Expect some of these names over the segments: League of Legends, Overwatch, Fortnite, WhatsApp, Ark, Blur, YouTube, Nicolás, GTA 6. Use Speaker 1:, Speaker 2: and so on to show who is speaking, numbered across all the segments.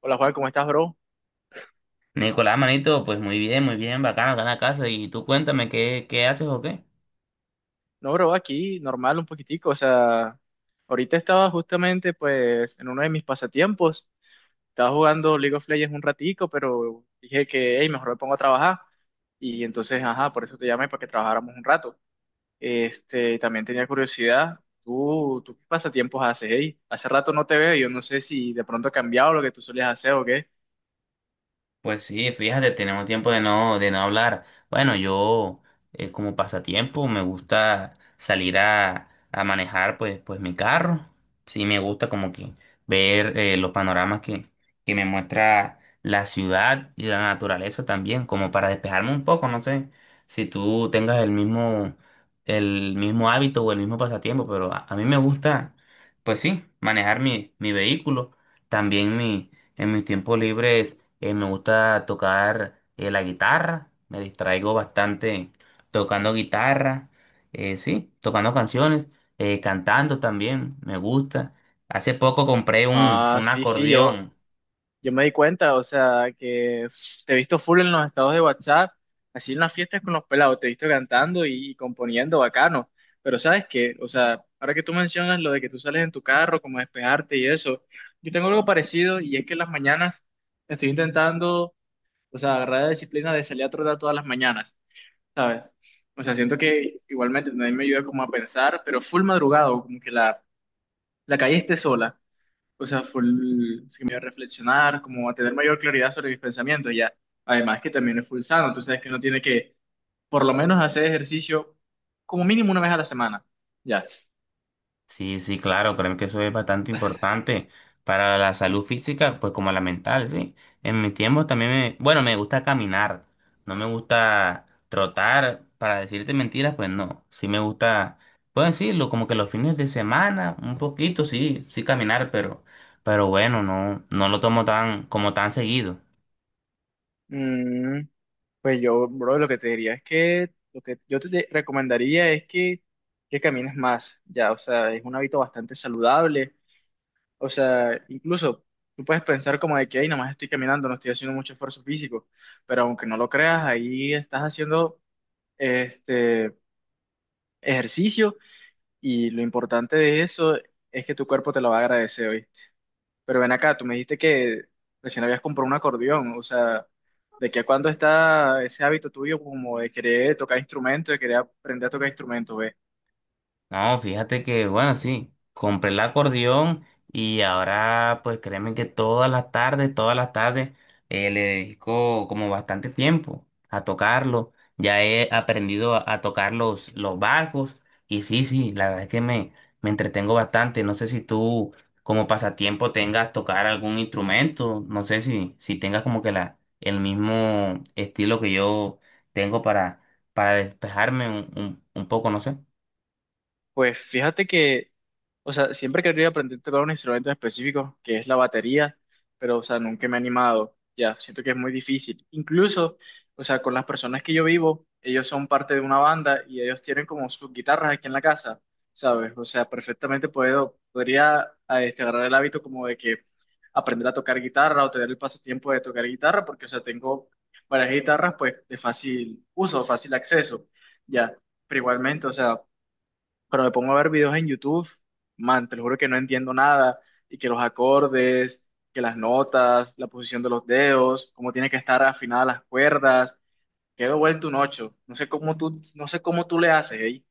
Speaker 1: Hola Juan, ¿cómo estás, bro?
Speaker 2: Nicolás, manito, pues muy bien, bacano acá en la casa. Y tú cuéntame, ¿qué haces o qué?
Speaker 1: No, bro, aquí normal un poquitico. O sea, ahorita estaba justamente pues en uno de mis pasatiempos. Estaba jugando League of Legends un ratico, pero dije que, hey, mejor me pongo a trabajar. Y entonces, ajá, por eso te llamé para que trabajáramos un rato. Este, también tenía curiosidad. ¿Tú qué pasatiempos haces, hey? Hace rato no te veo, yo no sé si de pronto ha cambiado lo que tú solías hacer o qué.
Speaker 2: Pues sí, fíjate, tenemos tiempo de no hablar. Bueno, yo como pasatiempo me gusta salir a manejar pues mi carro. Sí, me gusta como que ver los panoramas que me muestra la ciudad y la naturaleza también, como para despejarme un poco. No sé si tú tengas el mismo hábito o el mismo pasatiempo, pero a mí me gusta, pues sí, manejar mi vehículo, también mi en mis tiempos libres me gusta tocar la guitarra, me distraigo bastante tocando guitarra, sí, tocando canciones, cantando también, me gusta. Hace poco compré un,
Speaker 1: Ah,
Speaker 2: un
Speaker 1: sí, sí, yo,
Speaker 2: acordeón.
Speaker 1: Yo Me di cuenta, o sea, que te he visto full en los estados de WhatsApp, así en las fiestas con los pelados, te he visto cantando y componiendo bacano. Pero sabes qué, o sea, ahora que tú mencionas lo de que tú sales en tu carro, como a despejarte y eso, yo tengo algo parecido y es que en las mañanas estoy intentando, o sea, agarrar la disciplina de salir a trotar todas las mañanas, ¿sabes? O sea, siento que igualmente también me ayuda como a pensar, pero full madrugado, como que la calle esté sola, o sea, full, sí que me dio a reflexionar, como a tener mayor claridad sobre mis pensamientos, y ya. Además que también es full sano, tú sabes que uno tiene que, por lo menos, hacer ejercicio como mínimo una vez a la semana, ya.
Speaker 2: Sí, sí, claro, creo que eso es bastante importante para la salud física, pues como la mental, sí. En mi tiempo también me, bueno, me gusta caminar, no me gusta trotar, para decirte mentiras, pues no, sí me gusta, puedo decirlo, como que los fines de semana, un poquito, sí, sí caminar, pero bueno, no, no lo tomo tan, como tan seguido.
Speaker 1: Mm, pues yo, bro, lo que te diría es que, lo que yo te recomendaría es que camines más, ya, o sea, es un hábito bastante saludable, o sea, incluso tú puedes pensar como de que, ay, nomás estoy caminando, no estoy haciendo mucho esfuerzo físico, pero aunque no lo creas, ahí estás haciendo, este, ejercicio, y lo importante de eso es que tu cuerpo te lo va a agradecer hoy. Pero ven acá, tú me dijiste que recién habías comprado un acordeón, o sea, ¿de qué a cuándo está ese hábito tuyo como de querer tocar instrumentos, de querer aprender a tocar instrumentos, ve?
Speaker 2: No, fíjate que, bueno, sí, compré el acordeón y ahora, pues créeme que todas las tardes, le dedico como bastante tiempo a tocarlo. Ya he aprendido a tocar los bajos y sí, sí, la verdad es que me entretengo bastante. No sé si tú como pasatiempo tengas tocar algún instrumento, no sé si tengas como que la, el mismo estilo que yo tengo para despejarme un, un poco, no sé.
Speaker 1: Pues fíjate que, o sea, siempre quería aprender a tocar un instrumento en específico, que es la batería, pero, o sea, nunca me he animado. Ya, siento que es muy difícil. Incluso, o sea, con las personas que yo vivo, ellos son parte de una banda y ellos tienen como sus guitarras aquí en la casa, ¿sabes? O sea, perfectamente puedo, podría a este, agarrar el hábito como de que aprender a tocar guitarra o tener el pasatiempo de tocar guitarra, porque, o sea, tengo varias guitarras, pues, de fácil uso, fácil acceso, ya. Pero igualmente, o sea, pero me pongo a ver videos en YouTube, man, te lo juro que no entiendo nada, y que los acordes, que las notas, la posición de los dedos, cómo tiene que estar afinadas las cuerdas, quedo vuelto un ocho. No sé cómo tú, no sé cómo tú le haces, ¿eh?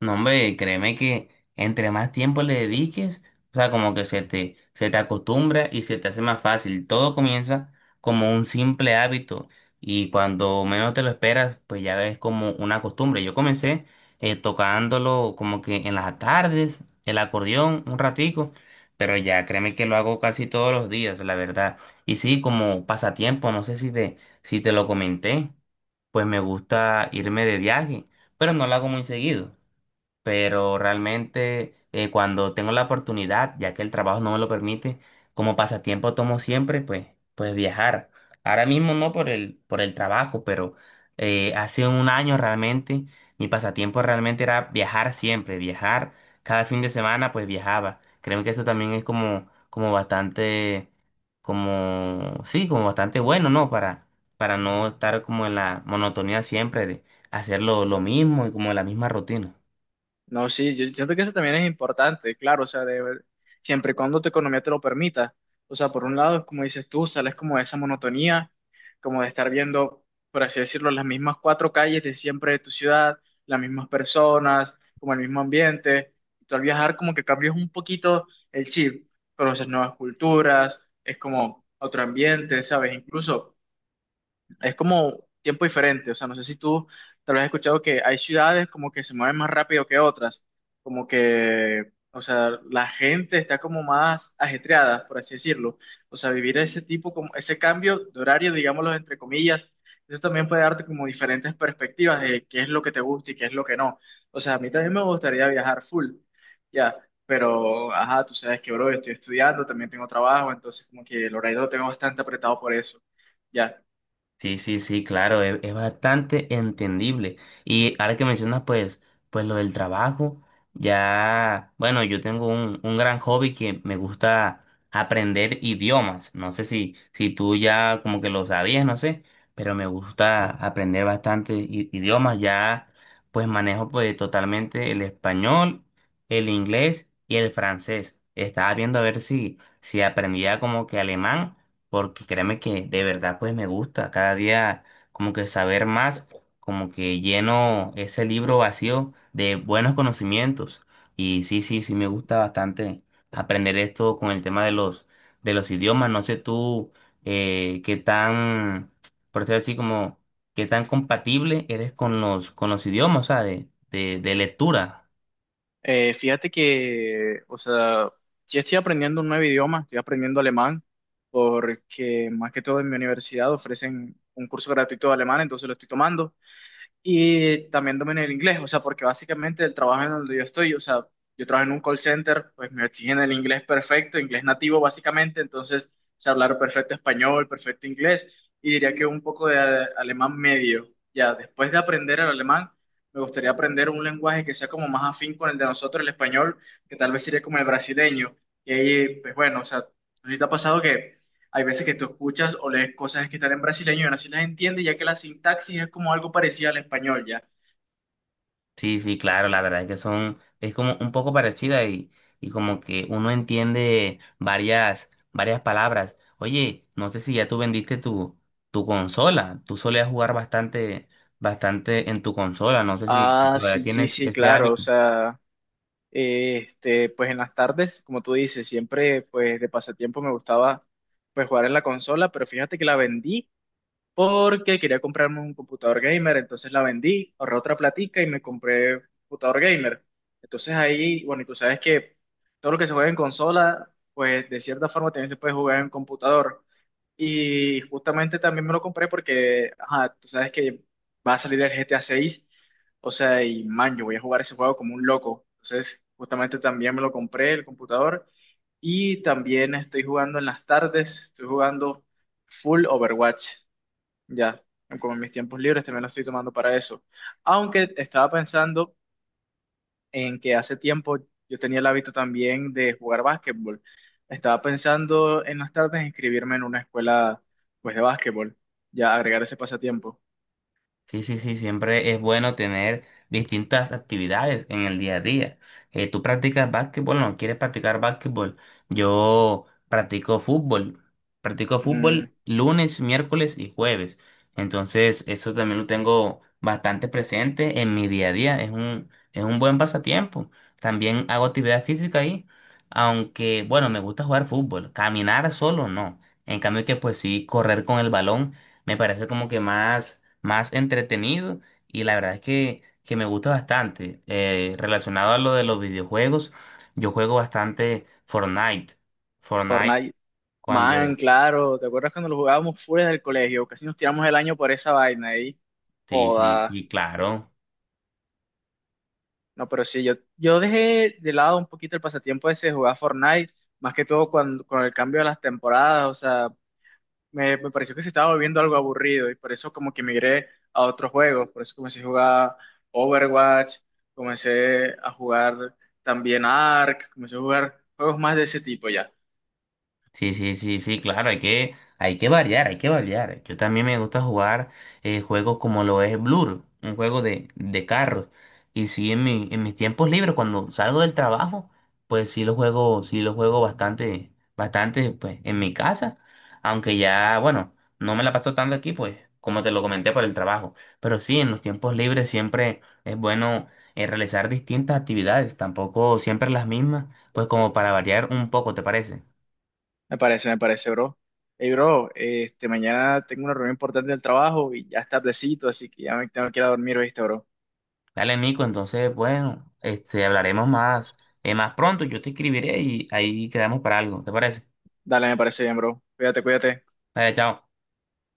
Speaker 2: No, hombre, créeme que entre más tiempo le dediques, o sea, como que se te acostumbra y se te hace más fácil. Todo comienza como un simple hábito y cuando menos te lo esperas, pues ya es como una costumbre. Yo comencé tocándolo como que en las tardes, el acordeón, un ratico, pero ya créeme que lo hago casi todos los días, la verdad. Y sí, como pasatiempo, no sé si te lo comenté, pues me gusta irme de viaje, pero no lo hago muy seguido, pero realmente cuando tengo la oportunidad, ya que el trabajo no me lo permite, como pasatiempo tomo siempre, pues, pues viajar. Ahora mismo no por el trabajo, pero hace un año realmente mi pasatiempo realmente era viajar siempre, viajar. Cada fin de semana pues viajaba. Creo que eso también es como, como bastante, como, sí, como bastante bueno, ¿no? Para no estar como en la monotonía siempre de hacer lo mismo y como la misma rutina.
Speaker 1: No, sí, yo siento que eso también es importante, claro, o sea, de, siempre y cuando tu economía te lo permita. O sea, por un lado, como dices tú, sales como de esa monotonía, como de estar viendo, por así decirlo, las mismas cuatro calles de siempre de tu ciudad, las mismas personas, como el mismo ambiente. Tú al viajar como que cambias un poquito el chip, conoces nuevas culturas, es como otro ambiente, ¿sabes? Incluso es como tiempo diferente, o sea, no sé si tú tal vez has escuchado que hay ciudades como que se mueven más rápido que otras, como que, o sea, la gente está como más ajetreada, por así decirlo. O sea, vivir ese tipo, como ese cambio de horario, digámoslo entre comillas, eso también puede darte como diferentes perspectivas de qué es lo que te gusta y qué es lo que no. O sea, a mí también me gustaría viajar full, ya. Pero, ajá, tú sabes que, bro, estoy estudiando, también tengo trabajo, entonces como que el horario lo tengo bastante apretado por eso. Ya.
Speaker 2: Sí, sí, sí, claro, es bastante entendible. Y ahora que mencionas, pues, pues lo del trabajo, ya, bueno, yo tengo un gran hobby que me gusta aprender idiomas. No sé si tú ya como que lo sabías, no sé, pero me gusta aprender bastante idiomas. Ya, pues manejo pues totalmente el español, el inglés y el francés. Estaba viendo a ver si aprendía como que alemán, porque créeme que de verdad pues me gusta cada día como que saber más, como que lleno ese libro vacío de buenos conocimientos. Y sí, sí, sí me gusta bastante aprender esto con el tema de los idiomas. No sé tú qué tan, por decir así como, qué tan compatible eres con los idiomas, o sea, de lectura.
Speaker 1: Fíjate que, o sea, sí estoy aprendiendo un nuevo idioma, estoy aprendiendo alemán, porque más que todo en mi universidad ofrecen un curso gratuito de alemán, entonces lo estoy tomando. Y también dominé el inglés, o sea, porque básicamente el trabajo en donde yo estoy, o sea, yo trabajo en un call center, pues me exigen el inglés perfecto, inglés nativo básicamente, entonces sé hablar perfecto español, perfecto inglés, y diría que un poco de alemán medio. Ya, después de aprender el alemán, me gustaría aprender un lenguaje que sea como más afín con el de nosotros, el español, que tal vez sería como el brasileño. Y ahí, pues bueno, o sea, ahorita ha pasado que hay veces que tú escuchas o lees cosas que están en brasileño y aún así las entiendes, ya que la sintaxis es como algo parecido al español, ¿ya?
Speaker 2: Sí, sí, claro, la verdad es que son, es como un poco parecida y como que uno entiende varias, varias palabras. Oye, no sé si ya tú vendiste tu, tu consola, tú solías jugar bastante, bastante en tu consola, no sé si
Speaker 1: Ah,
Speaker 2: todavía
Speaker 1: sí, sí,
Speaker 2: tienes
Speaker 1: sí,
Speaker 2: ese
Speaker 1: claro, o
Speaker 2: hábito.
Speaker 1: sea, este, pues en las tardes, como tú dices, siempre, pues de pasatiempo me gustaba, pues jugar en la consola, pero fíjate que la vendí porque quería comprarme un computador gamer, entonces la vendí, ahorré otra platica y me compré un computador gamer. Entonces ahí, bueno, y tú sabes que todo lo que se juega en consola, pues de cierta forma también se puede jugar en computador. Y justamente también me lo compré porque, ajá, tú sabes que va a salir el GTA 6, o sea, y man, yo voy a jugar ese juego como un loco. Entonces, justamente también me lo compré el computador y también estoy jugando en las tardes, estoy jugando full Overwatch. Ya, como en mis tiempos libres también lo estoy tomando para eso. Aunque estaba pensando en que hace tiempo yo tenía el hábito también de jugar básquetbol. Estaba pensando en las tardes inscribirme en una escuela pues de básquetbol, ya agregar ese pasatiempo.
Speaker 2: Sí, sí, sí, siempre es bueno tener distintas actividades en el día a día. ¿Tú practicas básquetbol? ¿No quieres practicar básquetbol? Yo practico fútbol. Practico
Speaker 1: Mm.
Speaker 2: fútbol lunes, miércoles y jueves. Entonces, eso también lo tengo bastante presente en mi día a día. Es un buen pasatiempo. También hago actividad física ahí, aunque, bueno, me gusta jugar fútbol. Caminar solo, no. En cambio que, pues sí, correr con el balón. Me parece como que más, más entretenido y la verdad es que me gusta bastante. Relacionado a lo de los videojuegos, yo juego bastante Fortnite. Fortnite
Speaker 1: Fortnite. Man,
Speaker 2: cuando...
Speaker 1: claro, ¿te acuerdas cuando lo jugábamos fuera del colegio? Casi nos tiramos el año por esa vaina ahí.
Speaker 2: Sí, sí,
Speaker 1: Joda.
Speaker 2: sí, claro.
Speaker 1: No, pero sí, yo dejé de lado un poquito el pasatiempo ese de jugar Fortnite, más que todo cuando, con el cambio de las temporadas, o sea, me pareció que se estaba volviendo algo aburrido y por eso como que migré a otros juegos, por eso comencé a jugar Overwatch, comencé a jugar también Ark, comencé a jugar juegos más de ese tipo ya.
Speaker 2: Sí, sí, sí, sí, claro, hay que variar, hay que variar. Yo también me gusta jugar juegos como lo es Blur, un juego de carros. Y sí, en mi, en mis tiempos libres, cuando salgo del trabajo, pues sí lo juego bastante, bastante, pues, en mi casa. Aunque ya, bueno, no me la paso tanto aquí, pues, como te lo comenté por el trabajo. Pero sí, en los tiempos libres siempre es bueno realizar distintas actividades, tampoco siempre las mismas, pues como para variar un poco, ¿te parece?
Speaker 1: Me parece, bro. Hey, bro, este, mañana tengo una reunión importante del trabajo y ya está tardecito, así que ya me tengo que ir a dormir, ¿viste, bro?
Speaker 2: Dale, Nico, entonces, bueno, este, hablaremos más, más pronto. Yo te escribiré y ahí quedamos para algo. ¿Te parece?
Speaker 1: Dale, me parece bien, bro. Cuídate, cuídate.
Speaker 2: Dale, chao.